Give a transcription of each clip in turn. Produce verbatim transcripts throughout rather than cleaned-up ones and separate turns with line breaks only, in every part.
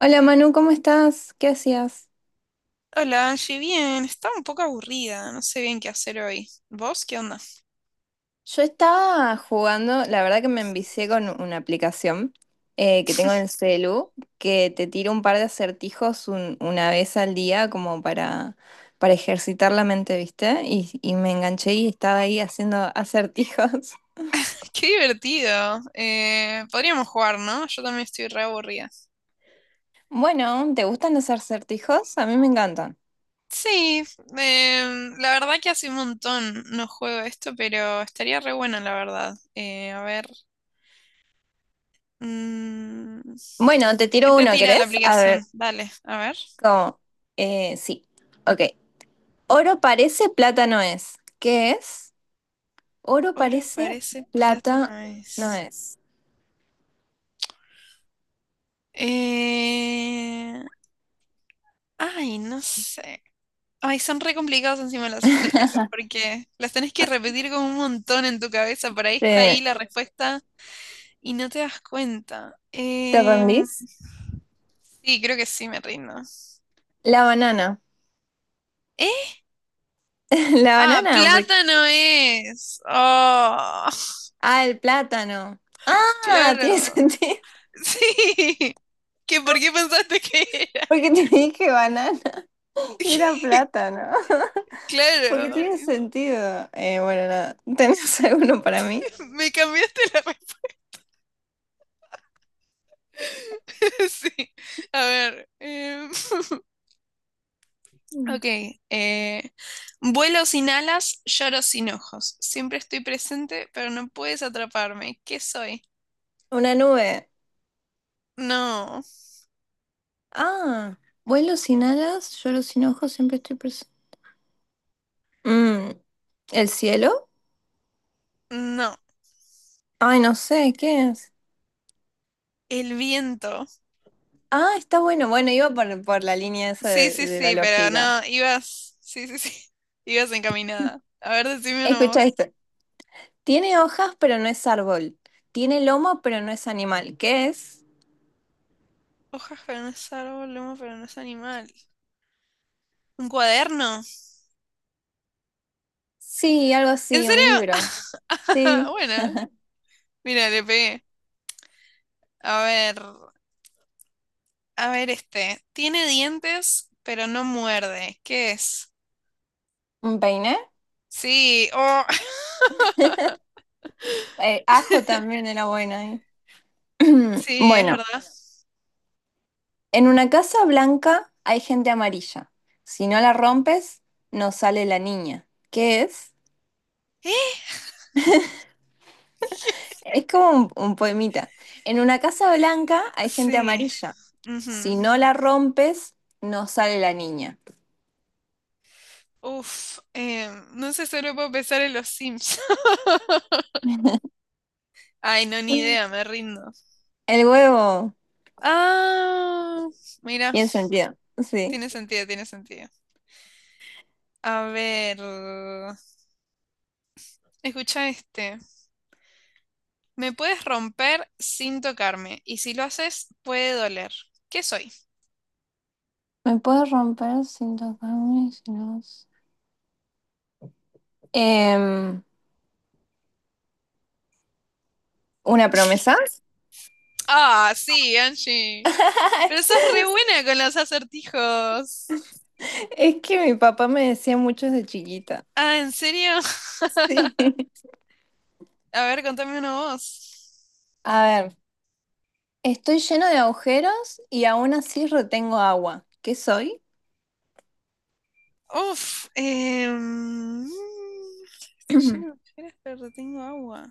Hola Manu, ¿cómo estás? ¿Qué hacías?
Hola, Angie, bien, estaba un poco aburrida, no sé bien qué hacer hoy. ¿Vos qué onda?
Yo estaba jugando, la verdad que me envicié con una aplicación eh, que tengo en el celu, que te tira un par de acertijos un- una vez al día como para, para ejercitar la mente, ¿viste? Y, y me enganché y estaba ahí haciendo acertijos.
Qué divertido. Eh, podríamos jugar, ¿no? Yo también estoy re aburrida.
Bueno, ¿te gustan los acertijos? A mí me encantan.
Sí, em, la verdad que hace un montón no juego esto, pero estaría re bueno, la verdad. Eh, a ver, mm,
Bueno, te
¿qué
tiro
te
uno,
tira la
¿querés? A ver,
aplicación? Dale, a ver.
¿cómo? Eh, sí, ok. Oro parece, plata no es. ¿Qué es? Oro
Oro
parece,
parece, plata
plata
no
no
es.
es.
Eh, ay, no sé. Ay, son re complicados encima los acertijos porque las tenés que repetir como un montón en tu cabeza. Por ahí está ahí
¿Te,
la respuesta y no te das cuenta.
¿te
Em,
rendís?
sí, creo que sí me rindo.
La banana.
¿Eh?
La
Ah,
banana. porque-
plátano es. Oh,
Ah, el plátano. Ah, tiene
claro.
sentido.
Sí. ¿Qué, por qué pensaste que era?
Porque te dije banana y era plátano. Porque
Claro.
tiene sentido. Eh, bueno, nada. ¿Tenés alguno para mí?
Me cambiaste la respuesta. Sí. A ver. em,
Mm.
Ok, eh, vuelo sin alas, lloro sin ojos. Siempre estoy presente, pero no puedes atraparme. ¿Qué soy?
Una nube.
No,
Ah, vuelo sin alas, lloro sin ojos, siempre estoy presente. Mm, ¿el cielo?
no,
Ay, no sé, ¿qué es?
el viento.
Ah, está bueno. Bueno, iba por, por la línea esa
Sí,
de,
sí,
de la
sí, pero
lógica.
no, ibas, sí, sí, sí, ibas encaminada. A ver, decime uno
Escucha
vos.
esto. Tiene hojas, pero no es árbol. Tiene lomo, pero no es animal. ¿Qué es?
Hojas, pero no es árbol, lomo, pero no es animal. ¿Un cuaderno?
Sí, algo
¿En
así, un
serio?
libro. Sí.
Bueno, mira, le pegué. A ver, a ver este. Tiene dientes, pero no muerde. ¿Qué es?
¿Un peine?
Sí, oh,
Eh, ajo también era bueno ahí.
sí, es
Bueno,
verdad.
en una casa blanca hay gente amarilla. Si no la rompes, no sale la niña. ¿Qué es?
¿Eh?
Es como un, un poemita. En una casa blanca hay gente
Sí.
amarilla.
Ujú.
Si no la rompes, no sale la niña.
Uf, eh, no sé, solo puedo pensar en los Sims. Ay, no, ni idea, me rindo.
El huevo
Ah, mira,
tiene sentido. Sí.
tiene sentido, tiene sentido. A ver, escucha este. Me puedes romper sin tocarme, y si lo haces, puede doler. ¿Qué soy?
¿Me puedo romper sin tocarme? si no- Em, ¿una promesa?
Ah, sí, Angie. Pero sos re buena con los acertijos.
Es que mi papá me decía mucho desde chiquita.
Ah, ¿en serio?
Sí.
A ver, contame una voz.
A ver, estoy lleno de agujeros y aún así retengo agua. ¿Qué soy?
Uf, em, estoy lleno de ojeras, pero tengo agua.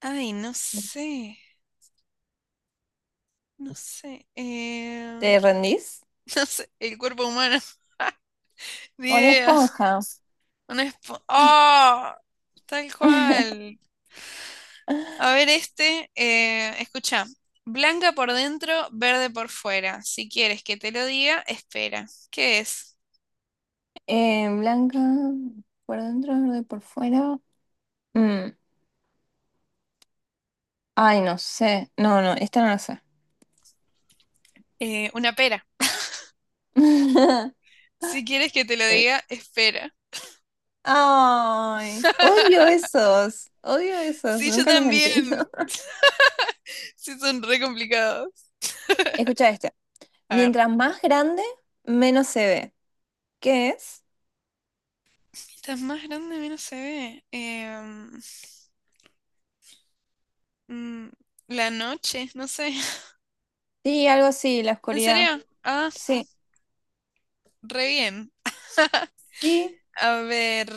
Ay, no sé, no sé.
¿Te
Em,
rendís?
no sé, el cuerpo humano. Ni
Una
idea.
esponja.
Una espo- ¡Ah! Tal cual. A ver, este, eh, escucha. Blanca por dentro, verde por fuera. Si quieres que te lo diga, espera. ¿Qué es?
Eh, blanca por dentro, verde por fuera. Mm, ay, no sé. No, no, esta no la sé.
Eh, una pera. Si quieres que te lo diga, espera.
Ay, odio esos. Odio esos.
Sí, yo
Nunca los
también.
entiendo.
Sí, son re complicados.
Escucha este.
A ver.
Mientras más grande, menos se ve. ¿Qué es?
Mientras más grande, menos se ve. Em, mm, la noche, no sé.
Sí, algo así, la
¿En
oscuridad.
serio? Ah,
Sí,
re bien.
sí.
A ver,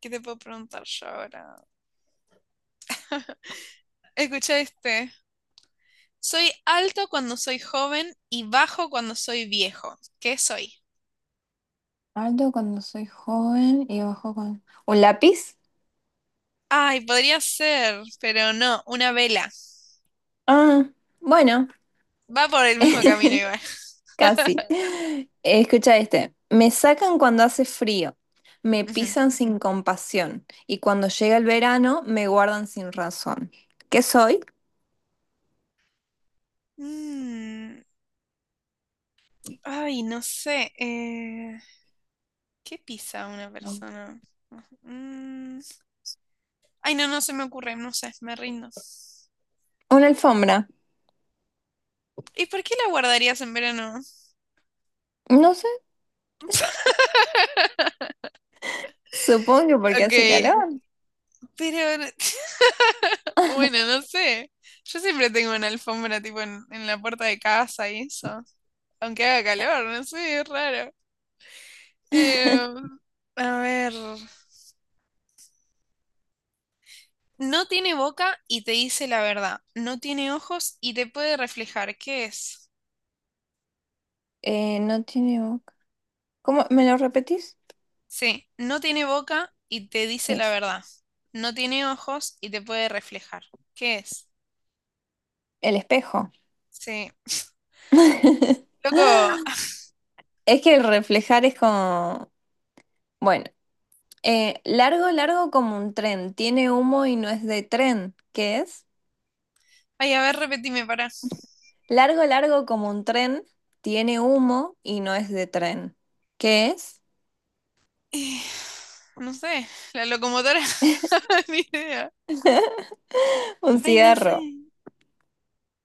¿qué te puedo preguntar yo ahora? Escucha este. Soy alto cuando soy joven y bajo cuando soy viejo. ¿Qué soy?
Alto cuando soy joven y bajo cuando... ¿Un lápiz?
Ay, podría ser, pero no, una vela.
Ah, bueno.
Va por el mismo camino igual.
Casi. Eh, Escucha este. Me sacan cuando hace frío, me
Ujú.
pisan sin compasión y cuando llega el verano me guardan sin razón. ¿Qué soy?
Mm, Ay, no sé. eh, ¿Qué pisa una
No.
persona? Mm, Ay, no, no se me ocurre, no sé, me rindo.
Una alfombra.
¿Y por qué la guardarías en verano?
No sé, supongo que porque
Ok,
hace calor.
pero bueno, no sé. Yo siempre tengo una alfombra tipo en, en, la puerta de casa y eso. Aunque haga calor, no sé, es raro. Eh, a ver. No tiene boca y te dice la verdad. No tiene ojos y te puede reflejar. ¿Qué es?
Eh, no tiene boca. ¿Cómo? ¿Me lo repetís?
Sí, no tiene boca y te dice
Sí.
la verdad. No tiene ojos y te puede reflejar. ¿Qué es?
El espejo.
Sí. Loco.
Es que el reflejar es como... Bueno, eh, largo, largo como un tren. Tiene humo y no es de tren. ¿Qué es?
Ay, a ver, repetime, para.
Largo, largo como un tren, tiene humo y no es de tren. ¿Qué es?
Eh, no sé. La locomotora. Ni idea.
Un
Ay, no sé.
cigarro.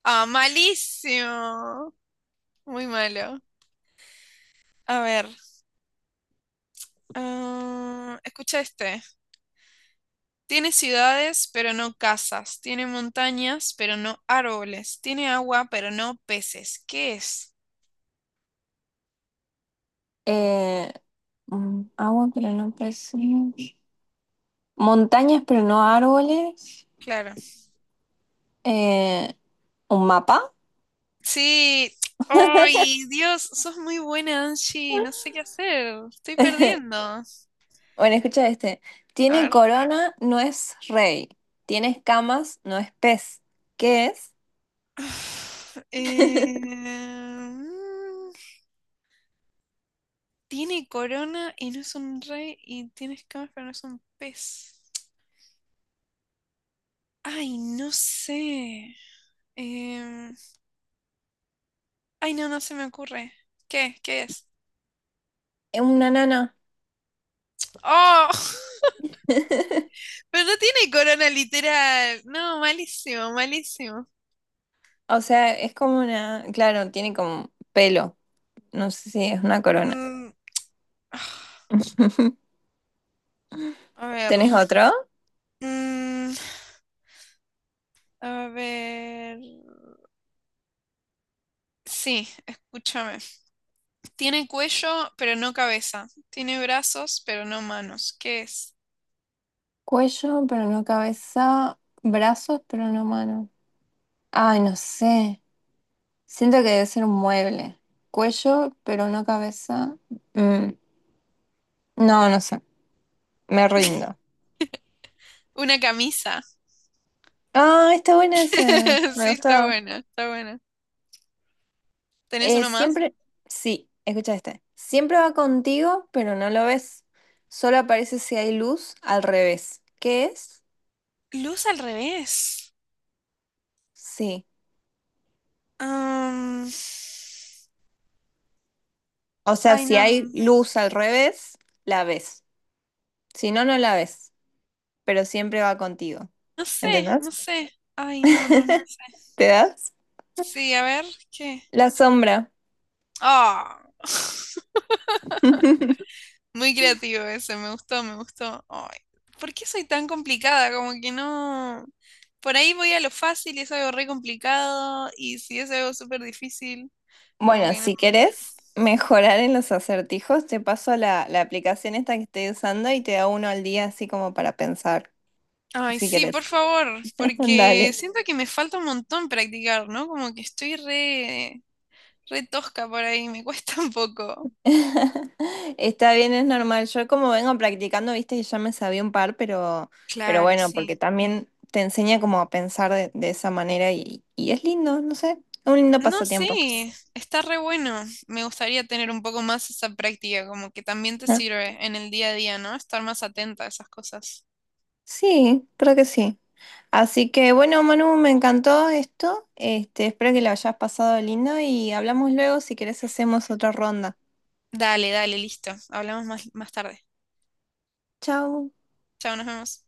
Ah, malísimo. Muy malo. A ver. Ah, escucha este. Tiene ciudades, pero no casas. Tiene montañas, pero no árboles. Tiene agua, pero no peces. ¿Qué es?
Eh, mm, agua, pero no pez. Montañas, pero no árboles.
Claro.
Eh, ¿un mapa?
Sí, ay, Dios, sos muy buena, Angie, no sé qué hacer, estoy perdiendo.
Bueno, escucha este.
A
Tiene
ver.
corona, no es rey. Tiene escamas, no es pez. ¿Qué es?
Eh, mm, Tiene corona y no es un rey y tiene escamas pero no es un pez. Ay, no sé. Em, Ay, no, no se me ocurre. ¿Qué? ¿Qué es?
Es una nana.
¡Oh! Pero no tiene corona literal. No, malísimo, malísimo.
O sea, es como una... Claro, tiene como pelo. No sé si es una corona.
Mm, a ver.
¿Tenés otro?
Mm, A ver. Sí, escúchame. Tiene cuello, pero no cabeza. Tiene brazos, pero no manos. ¿Qué es?
Cuello, pero no cabeza. Brazos, pero no mano. Ay, no sé. Siento que debe ser un mueble. Cuello, pero no cabeza. Mm, no, no sé. Me rindo.
Una camisa.
Ah, está bueno ese. Me
Sí, está
gustaba.
buena, está buena. ¿Tenés
Eh,
uno más?
siempre, sí, escucha este. Siempre va contigo, pero no lo ves. Solo aparece si hay luz al revés. ¿Qué es?
Luz al revés.
Sí.
Am,
O sea,
Ay,
si
no.
hay
n-
luz al revés, la ves. Si no, no la ves. Pero siempre va contigo.
No sé,
¿Entendés?
no sé. Ay, no, no, no sé.
¿Te das?
Sí, a ver, ¿qué?
La sombra.
Ah. Muy creativo ese, me gustó, me gustó. Ay, ¿por qué soy tan complicada? Como que no. Por ahí voy a lo fácil y es algo re complicado. Y si es algo súper difícil, como
Bueno,
que no.
si querés mejorar en los acertijos, te paso la, la aplicación esta que estoy usando y te da uno al día así como para pensar,
Ay,
si
sí, por
querés.
favor, porque
Dale.
siento que me falta un montón practicar, ¿no? Como que estoy re, re tosca por ahí, me cuesta un poco.
Está bien, es normal. Yo como vengo practicando, viste que ya me sabía un par, pero, pero
Claro,
bueno, porque
sí.
también te enseña como a pensar de, de esa manera y, y es lindo, no sé, es un lindo
No,
pasatiempo.
sí, está re bueno. Me gustaría tener un poco más esa práctica, como que también te sirve en el día a día, ¿no? Estar más atenta a esas cosas.
Sí, creo que sí. Así que bueno, Manu, me encantó esto. Este, espero que lo hayas pasado lindo y hablamos luego si querés hacemos otra ronda.
Dale, dale, listo. Hablamos más, más tarde.
Chau.
Chao, nos vemos.